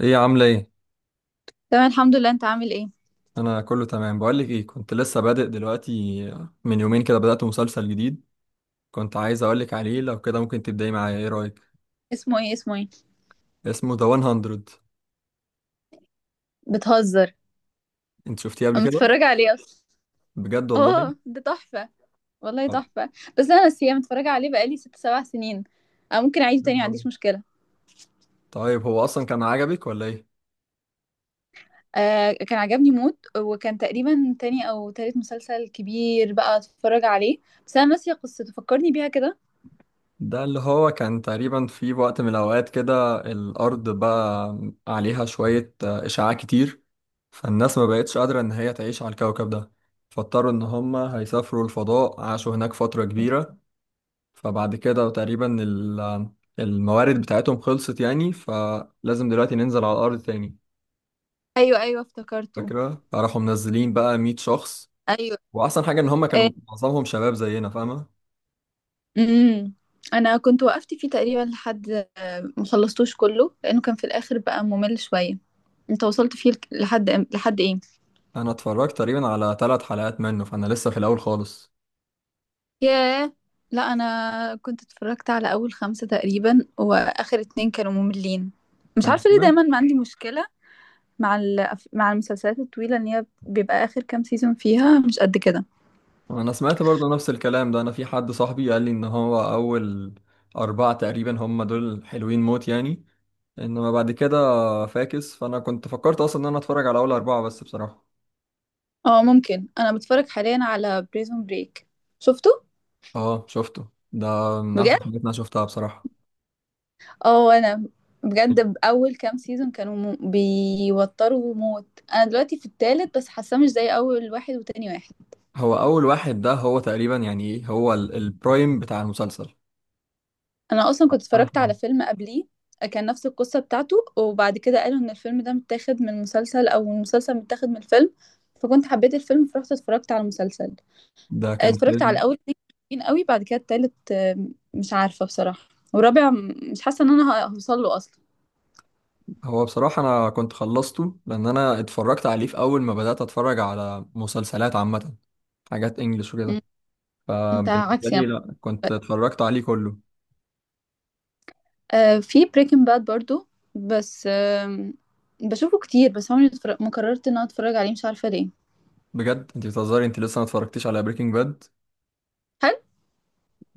ايه عاملة ايه؟ تمام، الحمد لله. انت عامل ايه؟ انا كله تمام. بقولك ايه، كنت لسه بادئ دلوقتي. من يومين كده بدأت مسلسل جديد. كنت عايز اقولك عليه، لو كده ممكن تبدأي معايا، ايه رأيك؟ اسمه ايه؟ اسمه ايه؟ اسمه ذا 100. بتهزر؟ انت شفتيه قبل انا كده؟ متفرجه عليه اصلا. بجد والله؟ اه، ده تحفه. والله طب- تحفه. بس انا نسيه، متفرجه عليه بقالي 6 7 سنين. أو ممكن اعيده تاني، ما عنديش مشكله. طيب هو اصلا كان عجبك ولا ايه؟ آه، كان عجبني موت، وكان تقريبا تاني او تالت مسلسل كبير بقى اتفرج عليه. بس انا ناسيه قصته، فكرني بيها كده. ده اللي هو كان تقريبا في وقت من الاوقات كده الارض بقى عليها شوية اشعاع كتير. فالناس ما بقتش قادرة ان هي تعيش على الكوكب ده. فاضطروا ان هم هيسافروا الفضاء، عاشوا هناك فترة كبيرة. فبعد كده تقريبا الموارد بتاعتهم خلصت يعني، فلازم دلوقتي ننزل على الأرض تاني. ايوه، ايوه، افتكرته. فاكرة؟ فراحوا منزلين بقى 100 شخص. ايوه. وأحسن حاجة إن هما كانوا معظمهم شباب زينا، فاهمة؟ امم. انا كنت وقفت فيه تقريبا لحد ما خلصتوش كله، لانه كان في الاخر بقى ممل شويه. انت وصلت فيه لحد ايه؟ أنا اتفرجت تقريبا على 3 حلقات منه، فأنا لسه في الأول خالص. ياه. لا، انا كنت اتفرجت على اول خمسة تقريبا، واخر اتنين كانوا مملين. مش أنا عارفه ليه سمعت دايما ما عندي مشكله مع المسلسلات الطويله، ان هي بيبقى اخر كام سيزون فيها مش قد كده. أنا سمعت برضه نفس الكلام ده، أنا في حد صاحبي قال لي إن هو أول 4 تقريبا هما دول حلوين موت يعني. إنما بعد كده فاكس، فأنا كنت فكرت أصلا إن أنا أتفرج على أول 4 بس بصراحة. اه، ممكن. انا بتفرج حاليا على بريزون بريك. شفته؟ اه، شفته ده، من احسن بجد. الحاجات اللي انا شفتها بصراحة. اه، انا بجد، اول كام سيزون كانوا بيوتروا موت. انا دلوقتي في التالت بس حاساه مش زي اول واحد وتاني واحد. هو اول واحد ده هو تقريبا يعني ايه، هو البرايم بتاع المسلسل. انا اصلا كنت اه اتفرجت على فيلم قبليه. كان نفس القصه بتاعته، وبعد كده قالوا ان الفيلم ده متاخد من مسلسل او المسلسل متاخد من الفيلم. فكنت حبيت الفيلم، فرحت اتفرجت على المسلسل. ده كان اتفرجت فيلم. على اول اتنين حلوين قوي. بعد كده التالت مش عارفه بصراحه. والرابع مش حاسه ان انا هوصل له اصلا. هو بصراحة انا كنت خلصته لان انا اتفرجت عليه في اول ما بدأت اتفرج على مسلسلات عامة، حاجات انجلش م. وكده. انت فبالنسبة عكسي لي، يعني. لا، كنت اتفرجت عليه كله. في بريكنج باد برضو. بس بشوفه كتير، بس عمري ما قررت ان انا اتفرج عليه، مش عارفه ليه. بجد، انت بتهزري، انت لسه ما اتفرجتيش على بريكنج باد؟ هل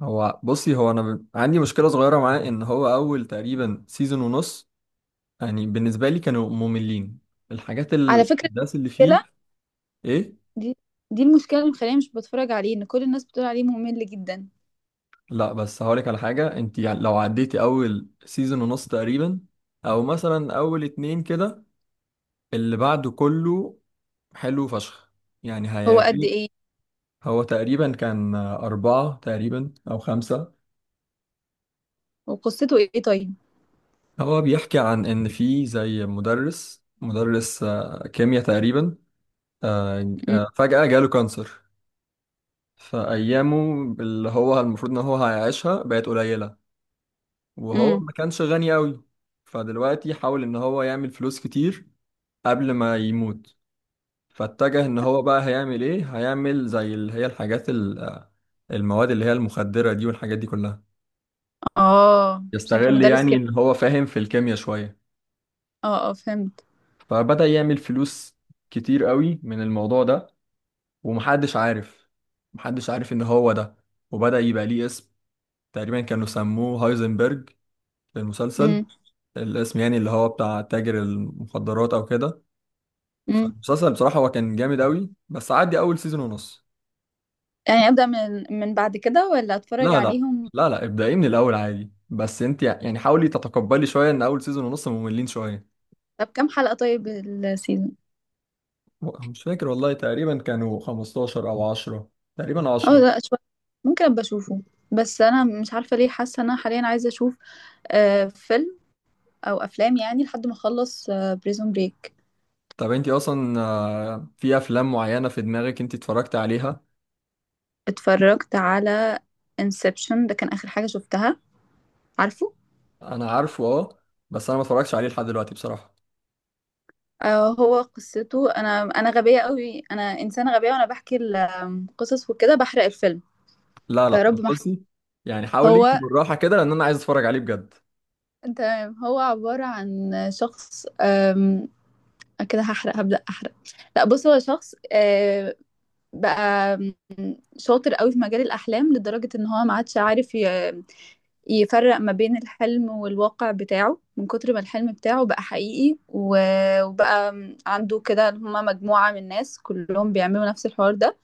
هو بصي، هو انا عندي مشكلة صغيرة معاه، ان هو اول تقريبا سيزون ونص يعني بالنسبة لي كانوا مملين، الحاجات، على فكره، الأحداث اللي فيه. المشكله إيه؟ دي، دي المشكله اللي مخليني مش بتفرج عليه، ان كل الناس بتقول عليه ممل جدا. لا بس هقولك على حاجة، أنت يعني لو عديتي أول سيزون ونص تقريبا، أو مثلا أول 2 كده، اللي بعده كله حلو فشخ، يعني هو قد هيعجبك. ايه؟ هو تقريبا كان أربعة تقريبا أو خمسة. وقصته ايه طيب؟ هو بيحكي عن إن في زي مدرس كيمياء تقريبا. امم. فجأة جاله كانسر. فأيامه، اللي هو المفروض إن هو هيعيشها، بقت قليلة. وهو أمم. ما كانش غني أوي. فدلوقتي حاول إن هو يعمل فلوس كتير قبل ما يموت. فاتجه إن هو بقى هيعمل إيه، هيعمل زي اللي هي الحاجات المواد اللي هي المخدرة دي والحاجات دي كلها. اه، عشان كان يستغل مدرس يعني كيمياء. إن هو فاهم في الكيمياء شوية. اه، اه، فهمت. فبدأ يعمل فلوس كتير أوي من الموضوع ده. ومحدش عارف، محدش عارف إن هو ده. وبدأ يبقى ليه اسم، تقريبا كانوا سموه هايزنبرج في المسلسل. امم. الاسم يعني اللي هو بتاع تاجر المخدرات أو كده. امم. فالمسلسل بصراحة هو كان جامد أوي، بس عدي أول سيزون ونص. يعني ابدا من بعد كده، ولا اتفرج لا لا، عليهم؟ لا لا، ابدأي من الأول عادي، بس أنت يعني حاولي تتقبلي شوية إن أول سيزون ونص مملين شوية. طب كام حلقه طيب السيزون؟ مش فاكر والله، تقريبا كانوا 15 أو 10، تقريبا اه، 10. لا، شويه. ممكن ابقى اشوفه. بس انا مش عارفه ليه حاسه ان انا حاليا عايزه اشوف فيلم او افلام، يعني لحد ما اخلص بريزون بريك. طب أنت أصلا في أفلام معينة في دماغك أنت اتفرجت عليها؟ اتفرجت على انسبشن، ده كان اخر حاجه شفتها. عارفه؟ أنا عارفه، أه. بس أنا ما اتفرجتش عليه لحد دلوقتي بصراحة. هو قصته، انا غبيه قوي، انا انسانه غبيه، وانا بحكي القصص وكده بحرق الفيلم. لا لا، فيارب طب ما أحرق. بصي، يعني حاولي هو. بالراحة كده لأن أنا عايز أتفرج عليه بجد. تمام. هو عباره عن شخص كده هحرق، هبدا احرق. لا، بص، هو شخص بقى شاطر قوي في مجال الاحلام، لدرجه ان هو ما عادش عارف يفرق ما بين الحلم والواقع بتاعه، من كتر ما الحلم بتاعه بقى حقيقي وبقى عنده كده. هما مجموعة من ناس كلهم بيعملوا نفس الحوار ده،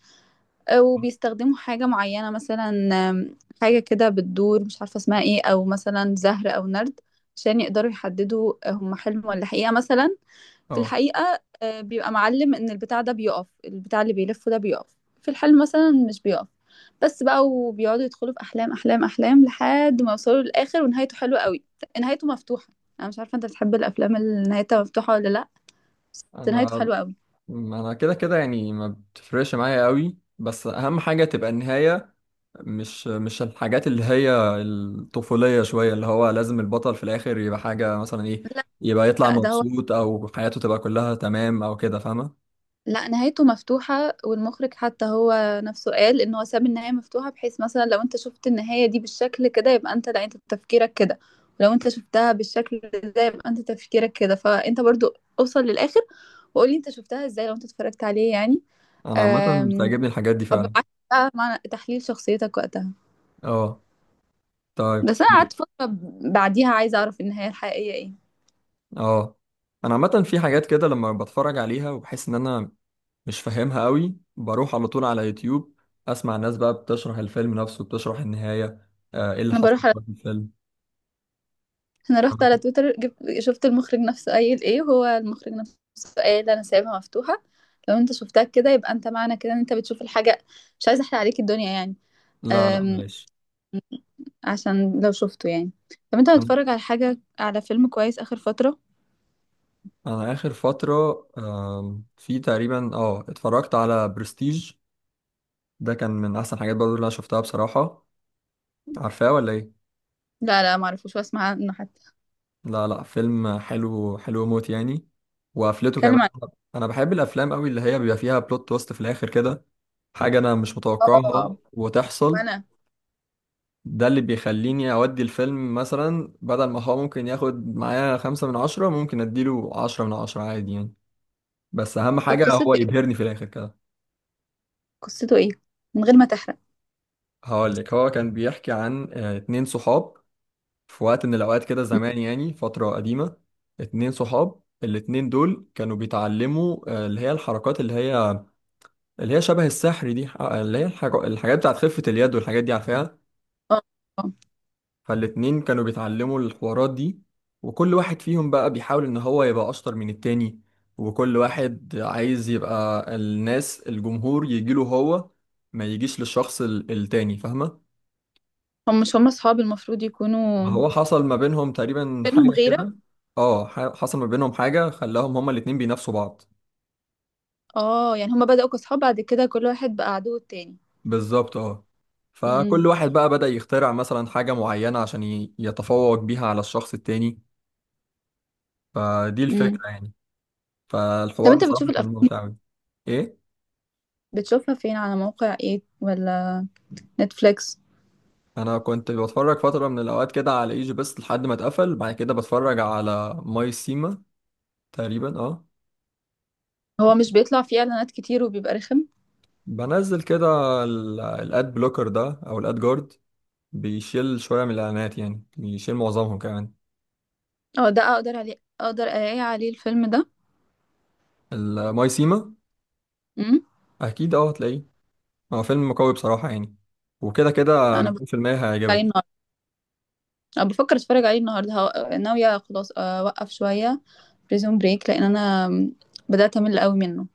وبيستخدموا حاجة معينة مثلا حاجة كده بتدور، مش عارفة اسمها ايه، أو مثلا زهر أو نرد، عشان يقدروا يحددوا هم حلم ولا حقيقة مثلا. في أه. الحقيقة بيبقى معلم إن البتاع ده بيقف، البتاع اللي بيلفه ده بيقف، في الحلم مثلا مش بيقف. بس بقى، وبيقعدوا يدخلوا في أحلام أحلام أحلام لحد ما يوصلوا للآخر، ونهايته حلوة قوي. نهايته مفتوحة. أنا مش عارفة أنت بتحب الأفلام اللي نهايتها مفتوحة ولا لأ؟ بس نهايته أنا حلوة قوي. ما انا كده كده، يعني ما بتفرقش معايا قوي، بس اهم حاجة تبقى النهاية، مش الحاجات اللي هي الطفولية شوية، اللي هو لازم البطل في الاخر يبقى حاجة مثلا ايه، يبقى يطلع لا، ده، مبسوط او حياته تبقى كلها تمام او كده، فاهمة؟ لا، نهايته مفتوحة. والمخرج حتى هو نفسه قال ان هو ساب النهاية مفتوحة، بحيث مثلا لو انت شفت النهاية دي بالشكل كده يبقى انت، لا، انت تفكيرك كده. ولو انت شفتها بالشكل ده يبقى انت تفكيرك كده، فانت برضو اوصل للاخر، وقولي انت شفتها ازاي لو انت اتفرجت عليه يعني. انا عامة أم، بتعجبني الحاجات دي فعلا. وابعت بقى مع تحليل شخصيتك وقتها. اه، طيب. بس انا قعدت فترة بعديها عايزة اعرف النهاية الحقيقية ايه. اه، انا عامة في حاجات كده لما بتفرج عليها وبحس ان انا مش فاهمها قوي، بروح على طول على يوتيوب، اسمع الناس بقى بتشرح الفيلم نفسه، بتشرح النهاية، ايه اللي انا حصل بروح، في الفيلم. انا رحت على تويتر، جبت، شفت المخرج نفسه قايل ايه. هو المخرج نفسه قايل انا سايبها مفتوحة، لو انت شفتها كده يبقى انت، معنى كده ان انت بتشوف الحاجة. مش عايزة احرق عليك الدنيا يعني. لا لا، أم... معلش. عشان لو شفته يعني. طب انت انا بتتفرج على حاجة، على فيلم كويس اخر فترة؟ انا اخر فتره في تقريبا اتفرجت على برستيج، ده كان من احسن حاجات برضو اللي انا شفتها بصراحه. عارفاه ولا ايه؟ لا، لا، معرفوش واسمع عنه حتى. لا لا، فيلم حلو، حلو موت يعني، وقفلته اتكلم كمان. عن. انا بحب الافلام قوي اللي هي بيبقى فيها بلوت تويست في الاخر كده، حاجه انا مش إيه؟ اه. متوقعها وتحصل. وانا. ده اللي بيخليني اودي الفيلم، مثلا بدل ما هو ممكن ياخد معايا 5 من 10، ممكن اديله 10 من 10 عادي يعني. بس اهم طب حاجه قصته هو ايه؟ يبهرني في الاخر كده. قصته ايه؟ من غير ما تحرق. هقول لك، هو كان بيحكي عن 2 صحاب في وقت من الأوقات كده م. زمان، يعني فترة قديمة. 2 صحاب، الاتنين دول كانوا بيتعلموا اللي هي الحركات اللي هي شبه السحر دي، اللي هي الحاجات بتاعت خفة اليد والحاجات دي، عارفاها؟ اه. آه. فالاتنين كانوا بيتعلموا الحوارات دي، وكل واحد فيهم بقى بيحاول إن هو يبقى أشطر من التاني، وكل واحد عايز يبقى الجمهور يجيله هو، ما يجيش للشخص التاني، فاهمة؟ هم مش هم اصحاب المفروض ما يكونوا؟ هو حصل ما بينهم تقريبا بينهم حاجة غيرة؟ كده. اه، حصل ما بينهم حاجة خلاهم هما الاتنين بينافسوا بعض. اه، يعني هما بدأوا كصحاب، بعد كده كل واحد بقى عدو التاني. بالظبط، اه. فكل واحد بقى بدأ يخترع مثلا حاجة معينة عشان يتفوق بيها على الشخص التاني، فدي امم. الفكرة يعني. طب فالحوار انت بتشوف بصراحة كان ممتع أوي. ايه، بتشوفها فين، على موقع ايه، ولا نتفليكس؟ انا كنت بتفرج فترة من الاوقات كده على ايجي، بس لحد ما اتقفل بعد كده بتفرج على ماي سيما تقريبا، اه. هو مش بيطلع فيه اعلانات كتير وبيبقى رخم؟ بنزل كده الاد بلوكر ده او الاد جارد، بيشيل شوية من الإعلانات، يعني بيشيل معظمهم كمان. اه، ده اقدر عليه، اقدر الاقي عليه الفيلم ده؟ المايسيما، امم. أكيد أه هتلاقيه، هو فيلم قوي بصراحة يعني، وكده كده انا بفكر 200% عليه هيعجبك. النهارده. انا بفكر اتفرج عليه النهارده. ناويه خلاص اوقف شويه بريزون بريك، لان انا بدات امل قوي منه.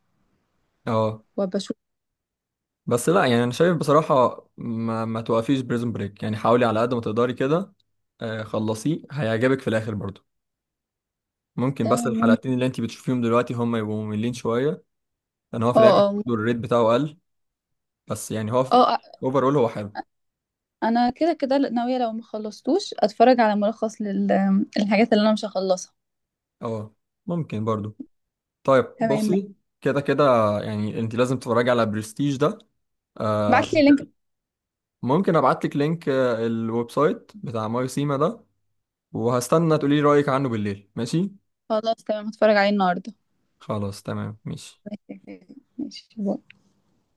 أه وبشوف. بس لا يعني، أنا شايف بصراحة ما توقفيش بريزون بريك، يعني حاولي على قد ما تقدري كده، خلصيه هيعجبك في الآخر برضه. ممكن ده بس ممكن. الحلقتين اللي أنت بتشوفيهم دلوقتي هم يبقوا مملين شوية، لأن هو في اه، الآخر اه. برضه الريت بتاعه قل، بس يعني هو اه، أوفرول هو حلو. انا كده كده ناويه لو ما خلصتوش اتفرج على ملخص للحاجات اللي انا مش هخلصها. أه ممكن برضه. طيب تمام. بصي، كده كده يعني انت لازم تتفرجي على برستيج ده. آه، بعتلي لينك. ممكن ابعت لك لينك الويب سايت بتاع ماي سيما ده، وهستنى تقولي لي رأيك عنه بالليل، ماشي؟ خلاص، تمام، هتفرج عليه النهارده. خلاص تمام، ماشي. ماشي، باي.